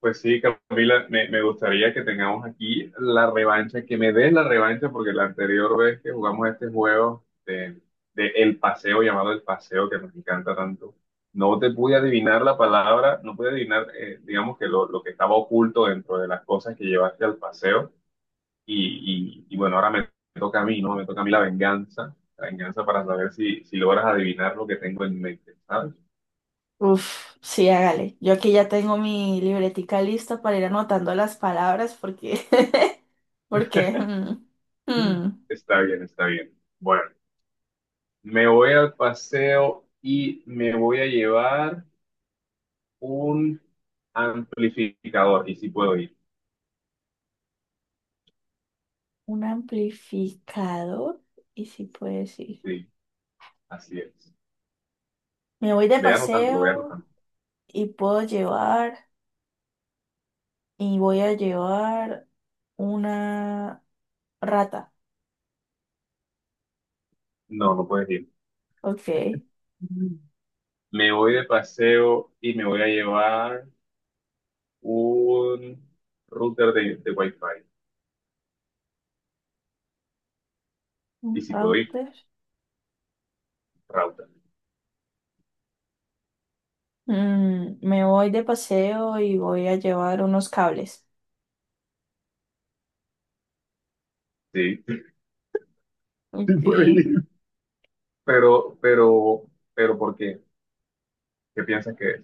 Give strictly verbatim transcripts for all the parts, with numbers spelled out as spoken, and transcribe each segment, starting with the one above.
Pues sí, Camila, me, me gustaría que tengamos aquí la revancha, que me des la revancha, porque la anterior vez que jugamos este juego de, de El Paseo, llamado El Paseo, que nos encanta tanto, no te pude adivinar la palabra, no pude adivinar, eh, digamos, que lo, lo que estaba oculto dentro de las cosas que llevaste al paseo. Y, y, y bueno, ahora me toca a mí, ¿no? Me toca a mí la venganza, la venganza para saber si, si logras adivinar lo que tengo en mente, ¿sabes? Uf, sí, hágale. Yo aquí ya tengo mi libretica lista para ir anotando las palabras porque, porque, mm, mm, Está bien, está bien. Bueno. Me voy al paseo y me voy a llevar un amplificador. Y si puedo ir. un amplificador y si puede decir. Sí, así es. Me voy de Ve anotando, lo voy paseo anotando. y puedo llevar y voy a llevar una rata. No, no puedes ir. Ok, Me voy de paseo y me voy a llevar un router de, de Wi-Fi. Y un si puedo ir, router. router. Mm, me voy de paseo y voy a llevar unos cables. Sí, sí Ok. puedo ir. Pero, pero, pero, ¿por qué? ¿Qué piensas que es?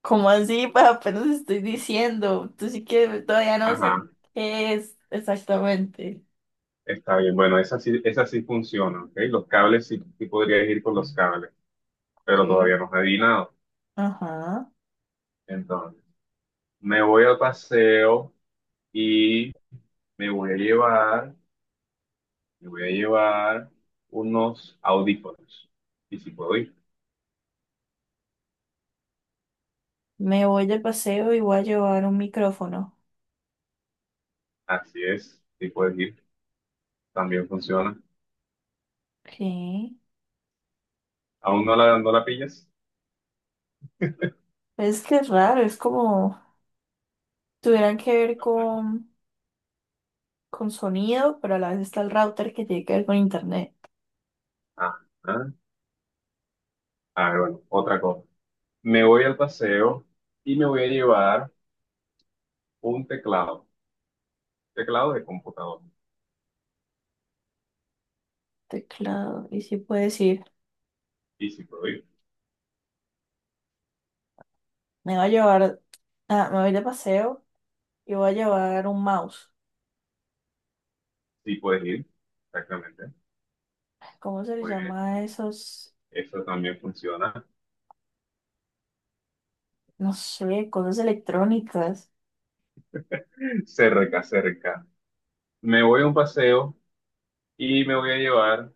¿Cómo así? Pues apenas estoy diciendo. Tú sí que todavía no Ajá, sé qué es exactamente. está bien. Bueno, esa sí, esa sí funciona, ¿ok? Los cables sí, sí podrías ir con los cables. Pero Ok. todavía no he dinado. Ajá. Entonces, me voy al paseo y me voy a llevar, me voy a llevar unos audífonos. Y si puedo ir, Me voy de paseo y voy a llevar un micrófono. así es, si puedes ir, también funciona. Ok. ¿Aún no la, no la pillas? Es que es raro, es como tuvieran que ver con, con sonido, pero a la vez está el router que tiene que ver con internet. Ah, ah, ah, bueno, otra cosa. Me voy al paseo y me voy a llevar un teclado, teclado de computador. Teclado. Y sí puede decir, Y si puedo ir, me voy a llevar, ah, me voy de paseo y voy a llevar un mouse. si puedes ir, exactamente. ¿Cómo se les Muy bien, llama a esos? eso también funciona. No sé, cosas electrónicas. Cerca, cerca. Me voy a un paseo y me voy a llevar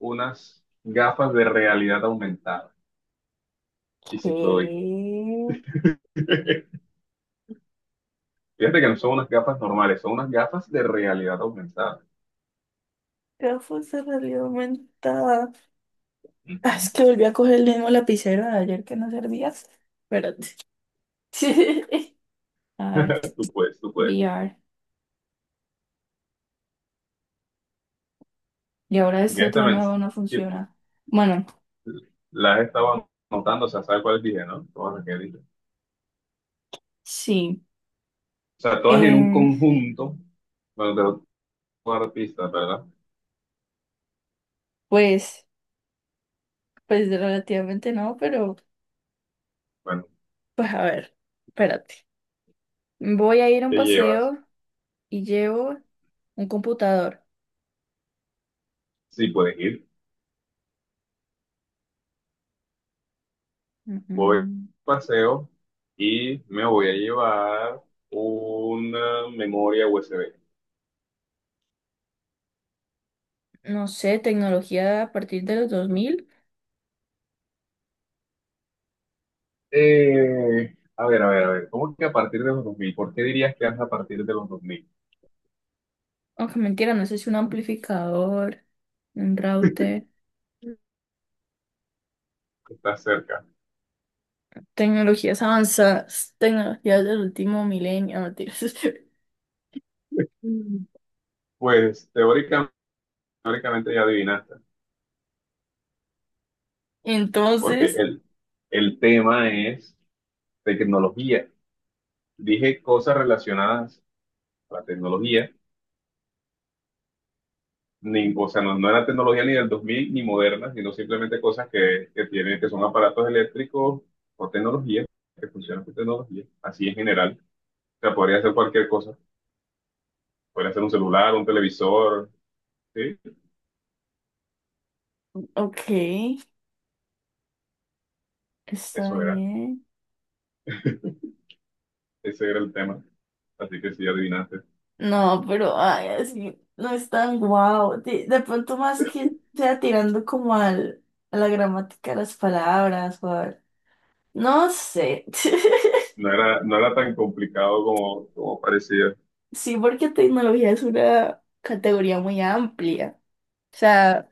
unas gafas de realidad aumentada. Y ¿Qué? si puedo ir. Fíjate que no son unas gafas normales, son unas gafas de realidad aumentada. Gafas de realidad aumentada. Ah, es Ujú. que volví a coger el mismo lapicero de ayer que no servía. Espérate. A ver, Tú puedes, tú puedes. V R. Y ahora Porque este esta otro me, nuevo no funciona. Bueno, las estaba anotando, o sea, ¿sabes cuál dije, no? Todas las que dije. O sí. sea, todas en un Eh, conjunto, bueno, de otro artista, ¿verdad? pues, pues relativamente no, pero Bueno, pues a ver, espérate. Voy a ir a un ¿qué llevas? paseo y llevo un computador. Sí, puedes ir. Ujú. Voy a paseo y me voy a llevar una memoria U S B. No sé, tecnología a partir de los dos mil. Eh, a ver, a ver, a ver, ¿cómo que a partir de los dos mil? ¿Por qué dirías que es a partir de los dos mil? Aunque mentira, no sé si un amplificador, un router, Estás cerca. tecnologías avanzadas, tecnologías del último milenio, no mentiras. Mm. Pues teórica- teóricamente ya adivinaste, porque Entonces, el, el tema es tecnología. Dije cosas relacionadas a la tecnología ni, o sea, no, no era tecnología ni del dos mil ni moderna, sino simplemente cosas que, que tienen, que son aparatos eléctricos o tecnología, que funcionan con tecnología, así en general. O sea, podría hacer cualquier cosa, podría hacer un celular, un televisor, sí, ok, está eso era, bien. ese era el tema. Así que sí, adivinaste. No, pero ay, así no es tan guau. De, de pronto más que sea tirando como al, a la gramática de las palabras o al- No sé. No era, no era tan complicado como, como parecía. Sí, porque tecnología es una categoría muy amplia. O sea,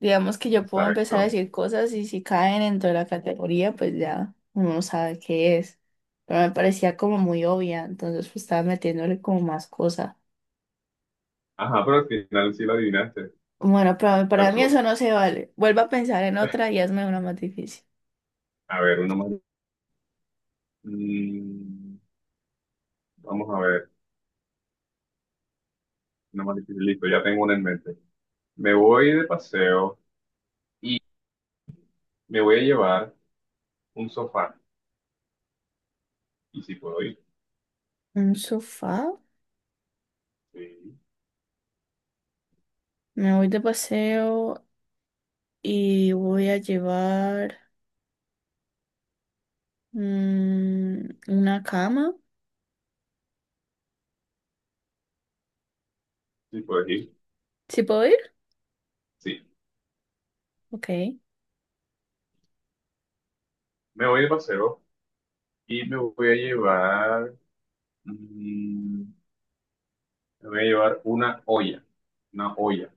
digamos que yo puedo empezar a Exacto. decir cosas y si caen dentro de la categoría, pues ya uno sabe qué es. Pero me parecía como muy obvia, entonces pues estaba metiéndole como más cosa. Ajá, pero al final sí la adivinaste. Bueno, pero para mí Tacho. eso no se vale. Vuelvo a pensar en otra y hazme una más difícil. A ver, uno más. Mm, vamos a ver, uno más difícil. Listo, ya tengo una en mente. Me voy de paseo y me voy a llevar un sofá. Y si puedo ir, Un sofá. sí, Me voy de paseo y voy a llevar, mm, una cama. si puedo ir, ¿Sí puedo ir? sí. Ok. Me voy de paseo y me voy a llevar, mm, me voy a llevar una olla. Una olla.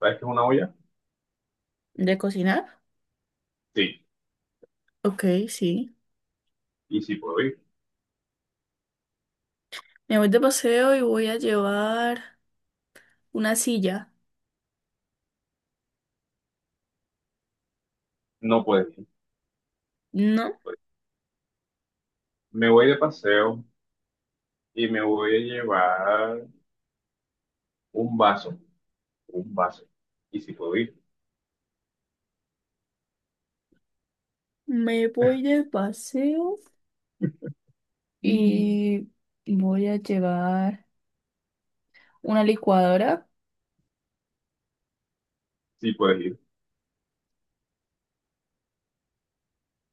¿Sabes qué es una olla? ¿De cocinar? Sí. Ok, sí. Y si puedo ir, Me voy de paseo y voy a llevar una silla. no puedes ir. No No, puedes ir. Me voy de paseo y me voy a llevar un vaso. Un vaso. Y si puedo ir. me voy de paseo Mm. y voy a llevar una licuadora. Sí puedes ir.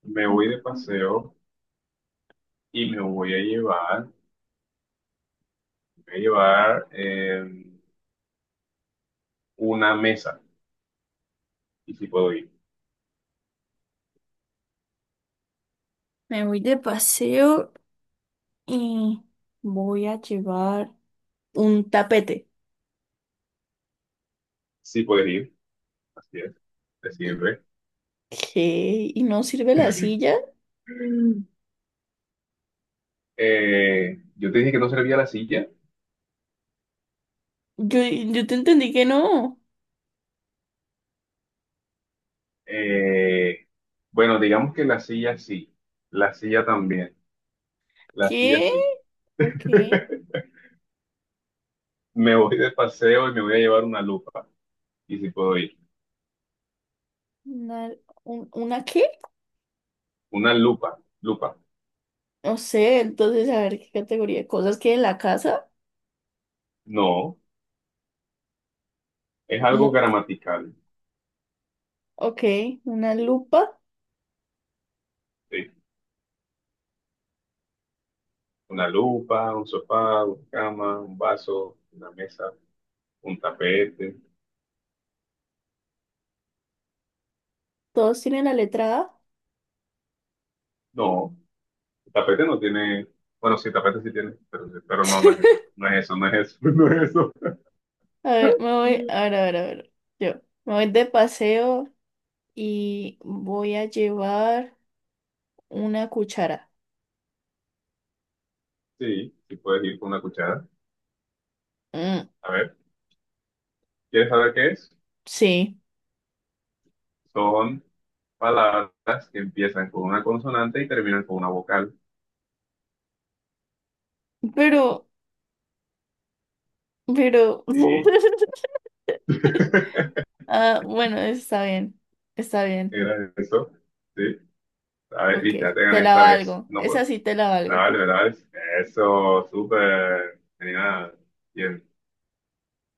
Me voy de Ok. paseo y me voy a llevar Voy a llevar eh, una mesa. Y si puedo ir. Me voy de paseo y voy a llevar un tapete. Sí puedes ir. Así es. Te sirve. ¿Qué? ¿Y no sirve la silla? Eh, yo te dije que no servía la silla. Yo, yo te entendí que no. Eh, bueno, digamos que la silla sí. La silla también. La silla ¿Qué? sí. Ok. Me voy de paseo y me voy a llevar una lupa. Y si puedo ir. ¿Una, un- una qué? ¿Una lupa? Lupa. No sé, entonces a ver qué categoría de cosas que en la casa. No. Es algo Mu- gramatical. ok, una lupa. Sí. Una lupa, un sofá, una cama, un vaso, una mesa, un tapete. Todos tienen la letra A. No, el tapete no tiene, bueno, sí, el tapete sí tiene, pero, pero no, no es eso, no es eso, no es eso, no es eso. A ver, me voy, a ver, a ver, a ver. Yo me voy de paseo y voy a llevar una cuchara. Sí, sí puedes ir con una cuchara. Mm, A ver, ¿quieres saber qué es? sí, Son palabras que empiezan con una consonante y terminan con una vocal. pero, pero... Sí, Ah, bueno, está bien, está bien. era eso. Sí, a ver, Ok, y te la tengan te la esta vez. valgo. No, Esa pues, sí te la valgo. dale, dale. Eso, súper, genial. Bien.